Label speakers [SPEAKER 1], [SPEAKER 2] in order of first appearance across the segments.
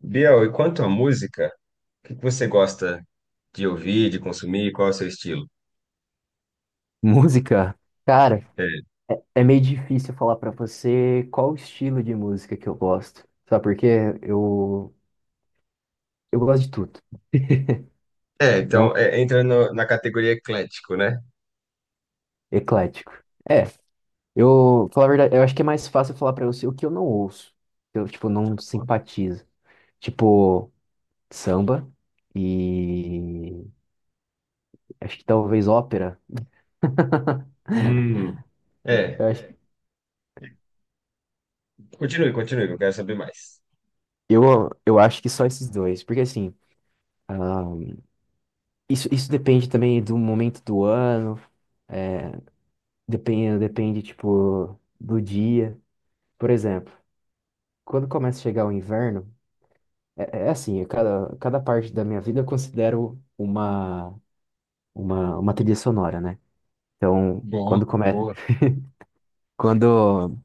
[SPEAKER 1] Biel, e quanto à música, o que que você gosta de ouvir, de consumir? Qual é o seu estilo?
[SPEAKER 2] Música? Cara,
[SPEAKER 1] É,
[SPEAKER 2] é meio difícil falar pra você qual o estilo de música que eu gosto. Sabe por quê? Eu, eu gosto de tudo. É um
[SPEAKER 1] entra na categoria eclético, né?
[SPEAKER 2] eclético. É, eu, falar a verdade, eu acho que é mais fácil falar pra você o que eu não ouço. Eu, tipo, não simpatizo. Tipo, samba e acho que talvez ópera.
[SPEAKER 1] Hum,
[SPEAKER 2] Eu,
[SPEAKER 1] é.
[SPEAKER 2] acho-
[SPEAKER 1] Continue, continue, que eu quero saber mais.
[SPEAKER 2] eu eu acho que só esses dois, porque assim, ah, isso depende também do momento do ano. É, Depende, depende, tipo, do dia. Por exemplo, quando começa a chegar o inverno, cada parte da minha vida eu considero uma trilha sonora, né? Então,
[SPEAKER 1] Boa,
[SPEAKER 2] quando começa,
[SPEAKER 1] boa.
[SPEAKER 2] quando,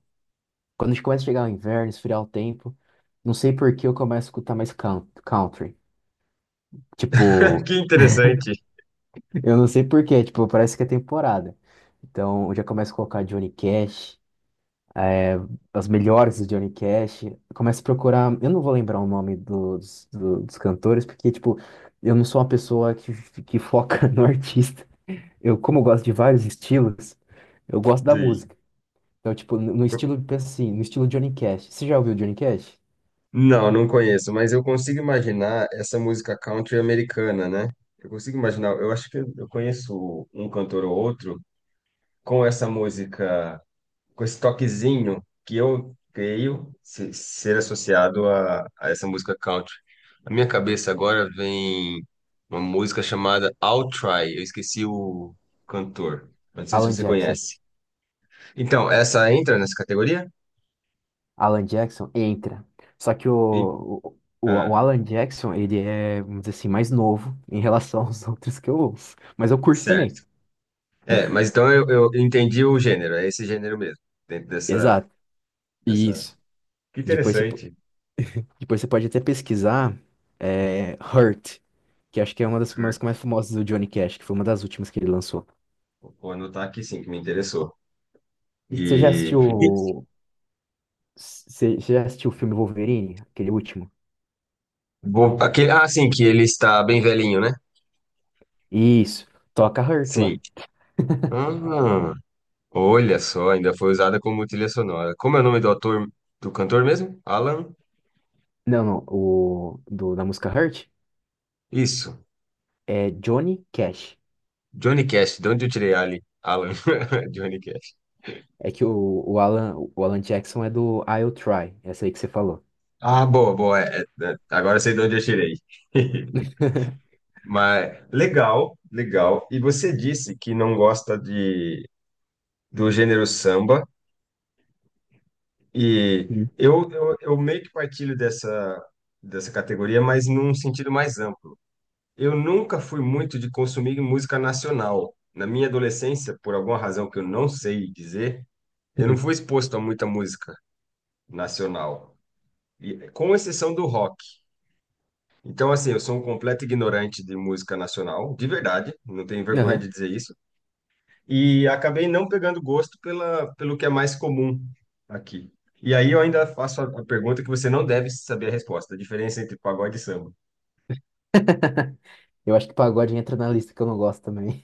[SPEAKER 2] quando começa a chegar o inverno, esfriar o tempo, não sei por que eu começo a escutar mais country. Tipo,
[SPEAKER 1] Que interessante.
[SPEAKER 2] eu não sei por quê, tipo, parece que é temporada. Então, eu já começo a colocar Johnny Cash, as melhores do Johnny Cash. Começa a procurar. Eu não vou lembrar o nome dos cantores, porque, tipo, eu não sou uma pessoa que foca no artista. Eu, como eu gosto de vários estilos, eu gosto da
[SPEAKER 1] Sim.
[SPEAKER 2] música. Então, tipo, no estilo, pensa assim, no estilo Johnny Cash. Você já ouviu Johnny Cash?
[SPEAKER 1] Não, não conheço, mas eu consigo imaginar essa música country americana, né? Eu consigo imaginar, eu acho que eu conheço um cantor ou outro com essa música, com esse toquezinho que eu creio ser associado a essa música country. Na minha cabeça agora vem uma música chamada I'll Try. Eu esqueci o cantor. Não sei se
[SPEAKER 2] Alan
[SPEAKER 1] você
[SPEAKER 2] Jackson.
[SPEAKER 1] conhece. Então, essa entra nessa categoria?
[SPEAKER 2] Alan Jackson entra. Só que
[SPEAKER 1] E-
[SPEAKER 2] o
[SPEAKER 1] Ah,
[SPEAKER 2] Alan Jackson, ele é, vamos dizer assim, mais novo em relação aos outros que eu ouço. Mas eu curto
[SPEAKER 1] certo.
[SPEAKER 2] também.
[SPEAKER 1] Mas então eu entendi o gênero. É esse gênero mesmo. Dentro
[SPEAKER 2] Exato.
[SPEAKER 1] dessa...
[SPEAKER 2] Isso.
[SPEAKER 1] Que
[SPEAKER 2] Depois você.
[SPEAKER 1] interessante.
[SPEAKER 2] Depois você pode até pesquisar é, Hurt, que acho que é uma das músicas mais famosas do Johnny Cash, que foi uma das últimas que ele lançou.
[SPEAKER 1] Vou anotar aqui, sim, que me interessou.
[SPEAKER 2] Você já
[SPEAKER 1] E...
[SPEAKER 2] assistiu. Você já assistiu o filme Wolverine, aquele último?
[SPEAKER 1] Vou, aquele, ah, sim, que ele está bem velhinho, né?
[SPEAKER 2] Isso. Toca Hurt
[SPEAKER 1] Sim.
[SPEAKER 2] lá.
[SPEAKER 1] Ah, olha só, ainda foi usada como trilha sonora. Como é o nome do ator, do cantor mesmo? Alan?
[SPEAKER 2] Não, não. Da música Hurt
[SPEAKER 1] Isso.
[SPEAKER 2] é Johnny Cash.
[SPEAKER 1] Johnny Cash. De onde eu tirei Ali? Alan. Johnny Cash.
[SPEAKER 2] É que o Alan Jackson é do I'll Try, essa aí que você falou.
[SPEAKER 1] Ah, boa, boa. Agora eu sei de onde eu tirei. Mas legal, legal. E você disse que não gosta de, do gênero samba, e
[SPEAKER 2] Sim.
[SPEAKER 1] eu meio que partilho dessa categoria, mas num sentido mais amplo. Eu nunca fui muito de consumir música nacional. Na minha adolescência, por alguma razão que eu não sei dizer, eu não fui exposto a muita música nacional, e, com exceção do rock. Então, assim, eu sou um completo ignorante de música nacional, de verdade, não tenho vergonha de
[SPEAKER 2] Aham.
[SPEAKER 1] dizer isso. E acabei não pegando gosto pela, pelo que é mais comum aqui. E aí eu ainda faço a pergunta que você não deve saber a resposta, a diferença entre pagode e samba.
[SPEAKER 2] Eu acho que pagode entra na lista que eu não gosto também.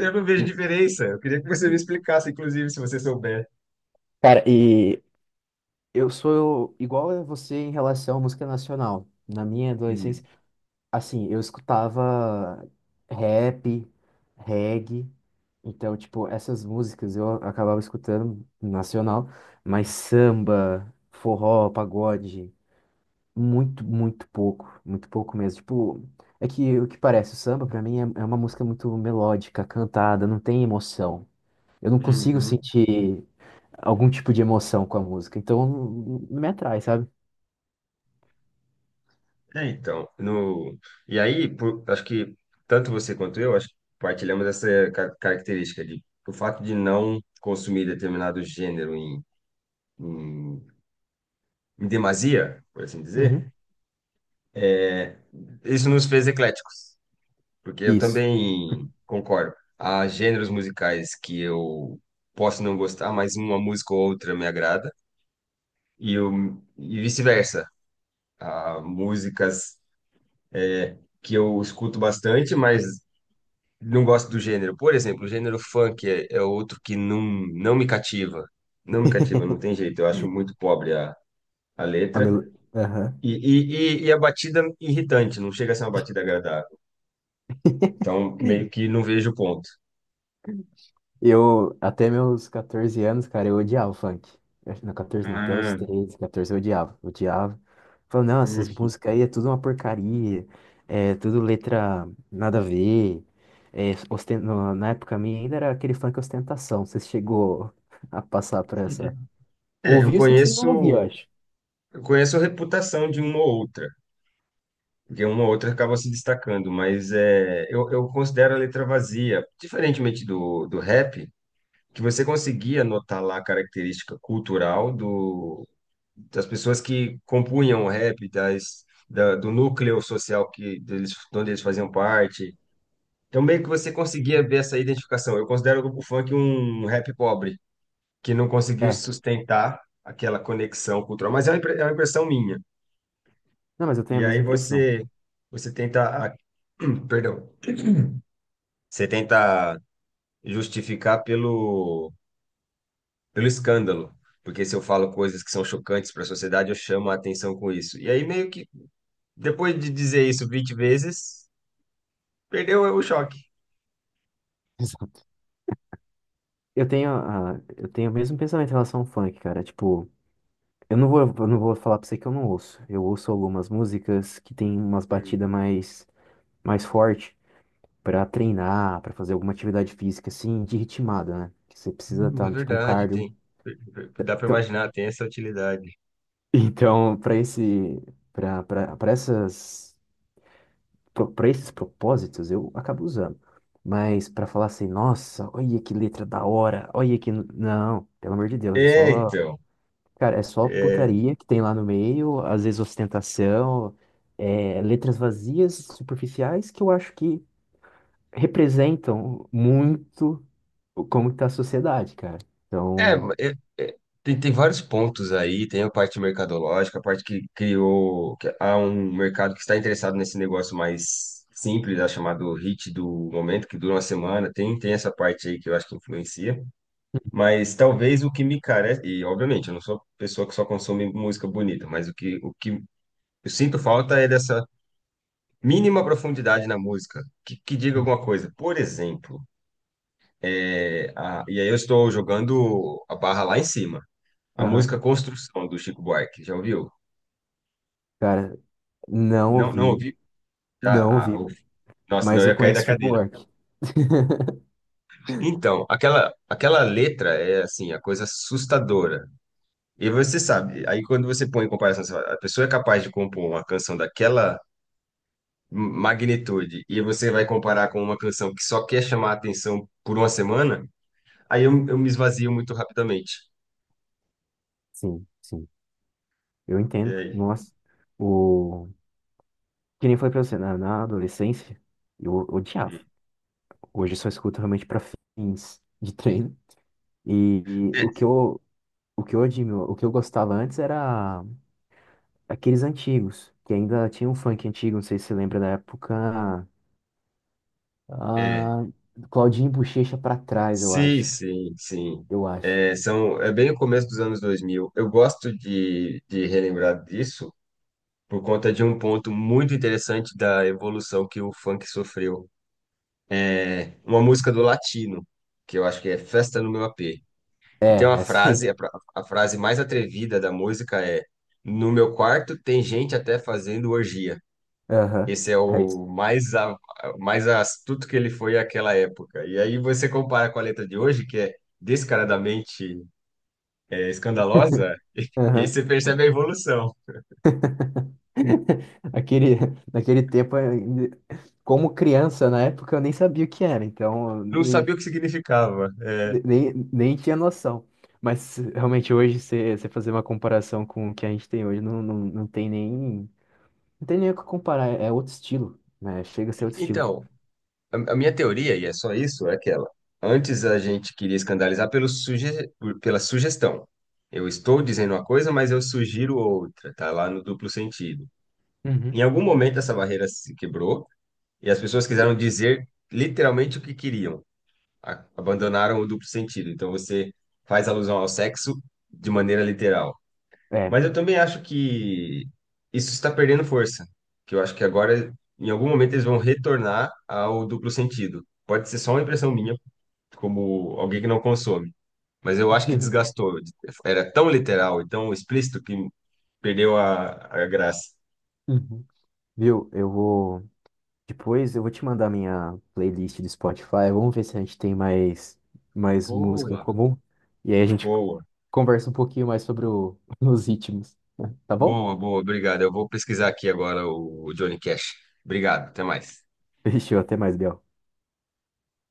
[SPEAKER 1] Eu não vejo diferença. Eu queria que você me explicasse, inclusive, se você souber.
[SPEAKER 2] Cara, e Eu sou igual a você em relação à música nacional. Na minha
[SPEAKER 1] Hum,
[SPEAKER 2] adolescência, assim, eu escutava rap, reggae, então, tipo, essas músicas eu acabava escutando nacional, mas samba, forró, pagode, muito, muito pouco mesmo. Tipo, é que o que parece, o samba pra mim é, é uma música muito melódica, cantada, não tem emoção. Eu não consigo
[SPEAKER 1] Uhum.
[SPEAKER 2] sentir algum tipo de emoção com a música, então não me atrai, sabe?
[SPEAKER 1] É, então, no... E aí, acho que tanto você quanto eu, acho que partilhamos essa característica de o fato de não consumir determinado gênero em, em demasia, por assim
[SPEAKER 2] Uhum.
[SPEAKER 1] dizer, é, isso nos fez ecléticos, porque eu
[SPEAKER 2] Isso.
[SPEAKER 1] também concordo. Há gêneros musicais que eu posso não gostar, mas uma música ou outra me agrada, e, e vice-versa. Há músicas que eu escuto bastante, mas não gosto do gênero. Por exemplo, o gênero funk é outro que não me cativa. Não me cativa, não tem jeito. Eu acho muito pobre a letra.
[SPEAKER 2] Aham.
[SPEAKER 1] E, e, e a batida irritante, não chega a ser uma batida agradável. Então, meio que não vejo o ponto.
[SPEAKER 2] Eu, até meus 14 anos, cara, eu odiava o funk. Não, 14 não, até os
[SPEAKER 1] Ah,
[SPEAKER 2] 13, 14 eu odiava. Odiava. Falei, não,
[SPEAKER 1] hum.
[SPEAKER 2] essas músicas aí é tudo uma porcaria. É tudo letra nada a ver. Na época minha ainda era aquele funk ostentação. Você chegou a passar por essa.
[SPEAKER 1] É,
[SPEAKER 2] Ouvi, eu sei que você não ouvia, eu acho.
[SPEAKER 1] eu conheço a reputação de uma ou outra, porque uma ou outra acaba se destacando, mas é, eu considero a letra vazia. Diferentemente do rap, que você conseguia notar lá a característica cultural das pessoas que compunham o rap, do núcleo social que deles, de onde eles faziam parte. Então, meio que você conseguia ver essa identificação. Eu considero o grupo funk um rap pobre, que não conseguiu
[SPEAKER 2] É.
[SPEAKER 1] sustentar aquela conexão cultural. Mas é uma, é uma impressão minha.
[SPEAKER 2] Não, mas eu tenho a
[SPEAKER 1] E aí
[SPEAKER 2] mesma impressão.
[SPEAKER 1] você tenta, perdão, você tenta justificar pelo escândalo, porque se eu falo coisas que são chocantes para a sociedade, eu chamo a atenção com isso. E aí, meio que, depois de dizer isso 20 vezes, perdeu o choque.
[SPEAKER 2] Exato. Eu tenho o mesmo pensamento em relação ao funk, cara. Tipo. Eu não vou falar pra você que eu não ouço. Eu ouço algumas músicas que tem umas
[SPEAKER 1] Hum,
[SPEAKER 2] batidas mais forte pra treinar, pra fazer alguma atividade física, assim, de ritmada, né? Que você precisa
[SPEAKER 1] é
[SPEAKER 2] estar, tipo, um
[SPEAKER 1] verdade,
[SPEAKER 2] cardio.
[SPEAKER 1] tem. Dá para
[SPEAKER 2] Então,
[SPEAKER 1] imaginar, tem essa utilidade.
[SPEAKER 2] então pra esse, pra, pra, pra essas, pro- pra esses propósitos, eu acabo usando. Mas pra falar assim, nossa, olha que letra da hora, olha que... Não, pelo amor de Deus, é
[SPEAKER 1] É,
[SPEAKER 2] só
[SPEAKER 1] então.
[SPEAKER 2] cara, é só
[SPEAKER 1] É,
[SPEAKER 2] putaria que tem lá no meio, às vezes ostentação, é, letras vazias, superficiais, que eu acho que representam muito como está a sociedade, cara.
[SPEAKER 1] é,
[SPEAKER 2] Então,
[SPEAKER 1] é, é, tem, tem vários pontos aí, tem a parte mercadológica, a parte que criou, que há um mercado que está interessado nesse negócio mais simples, né, chamado hit do momento, que dura uma semana, tem, tem essa parte aí que eu acho que influencia. Mas talvez o que me carece, e obviamente eu não sou pessoa que só consome música bonita, mas o que eu sinto falta é dessa mínima profundidade na música, que diga alguma coisa. Por exemplo, é, e aí eu estou jogando a barra lá em cima. A
[SPEAKER 2] aham,
[SPEAKER 1] música Construção do Chico Buarque, já ouviu?
[SPEAKER 2] cara, não
[SPEAKER 1] Não, não
[SPEAKER 2] ouvi,
[SPEAKER 1] ouvi? Já?
[SPEAKER 2] não
[SPEAKER 1] Ah,
[SPEAKER 2] ouvi,
[SPEAKER 1] ouvi. Nossa, não,
[SPEAKER 2] mas
[SPEAKER 1] eu
[SPEAKER 2] eu
[SPEAKER 1] ia cair da
[SPEAKER 2] conheço tipo, o
[SPEAKER 1] cadeira.
[SPEAKER 2] Work.
[SPEAKER 1] Então, aquela, aquela letra é assim, a coisa assustadora. E você sabe, aí quando você põe em comparação, você fala, a pessoa é capaz de compor uma canção daquela magnitude e você vai comparar com uma canção que só quer chamar a atenção por uma semana, aí eu me esvazio muito rapidamente.
[SPEAKER 2] Sim, sim, eu
[SPEAKER 1] E
[SPEAKER 2] entendo.
[SPEAKER 1] aí?
[SPEAKER 2] O... Que nem eu falei pra você, na adolescência, eu odiava. Hoje eu só escuto realmente pra fins de treino. E, e
[SPEAKER 1] É,
[SPEAKER 2] o que eu O que eu admiro, o que eu gostava antes era aqueles antigos, que ainda tinha um funk antigo, não sei se você lembra da época.
[SPEAKER 1] é.
[SPEAKER 2] Ah, Claudinho e Bochecha pra trás, eu
[SPEAKER 1] Sim,
[SPEAKER 2] acho.
[SPEAKER 1] sim, sim.
[SPEAKER 2] Eu acho.
[SPEAKER 1] É, são, é bem o começo dos anos 2000. Eu gosto de relembrar disso por conta de um ponto muito interessante da evolução que o funk sofreu. É, uma música do Latino, que eu acho que é Festa no Meu AP.
[SPEAKER 2] É,
[SPEAKER 1] E tem uma
[SPEAKER 2] é
[SPEAKER 1] frase,
[SPEAKER 2] sim.
[SPEAKER 1] a frase mais atrevida da música é: No meu quarto tem gente até fazendo orgia.
[SPEAKER 2] Aham.
[SPEAKER 1] Esse é
[SPEAKER 2] É isso.
[SPEAKER 1] o mais, mais astuto que ele foi àquela época. E aí você compara com a letra de hoje, que é descaradamente é, escandalosa, e aí você
[SPEAKER 2] Aham.
[SPEAKER 1] percebe a evolução.
[SPEAKER 2] Aquele, naquele tempo, como criança, na época, eu nem sabia o que era, então eu
[SPEAKER 1] Não sabia o que significava.
[SPEAKER 2] nem tinha noção. Mas realmente hoje, você fazer uma comparação com o que a gente tem hoje, não tem nem. Não tem nem o que comparar, é é outro estilo, né? Chega a ser outro estilo.
[SPEAKER 1] Então, a minha teoria, e é só isso, é aquela. Antes a gente queria escandalizar pelo pela sugestão. Eu estou dizendo uma coisa, mas eu sugiro outra, tá lá no duplo sentido. Em
[SPEAKER 2] Uhum.
[SPEAKER 1] algum momento essa barreira se quebrou e as pessoas quiseram dizer literalmente o que queriam. Abandonaram o duplo sentido. Então você faz alusão ao sexo de maneira literal.
[SPEAKER 2] É.
[SPEAKER 1] Mas eu também acho que isso está perdendo força, que eu acho que agora, em algum momento, eles vão retornar ao duplo sentido. Pode ser só uma impressão minha, como alguém que não consome, mas eu acho que desgastou. Era tão literal e tão explícito que perdeu a graça.
[SPEAKER 2] Uhum. Viu? Eu vou. Depois eu vou te mandar minha playlist do Spotify. Vamos ver se a gente tem mais, mais música em
[SPEAKER 1] Boa.
[SPEAKER 2] comum. E aí a gente
[SPEAKER 1] Boa,
[SPEAKER 2] conversa um pouquinho mais sobre os ritmos. Tá bom?
[SPEAKER 1] boa, boa, obrigado. Eu vou pesquisar aqui agora o Johnny Cash. Obrigado, até mais.
[SPEAKER 2] Fechou, até mais, Bel.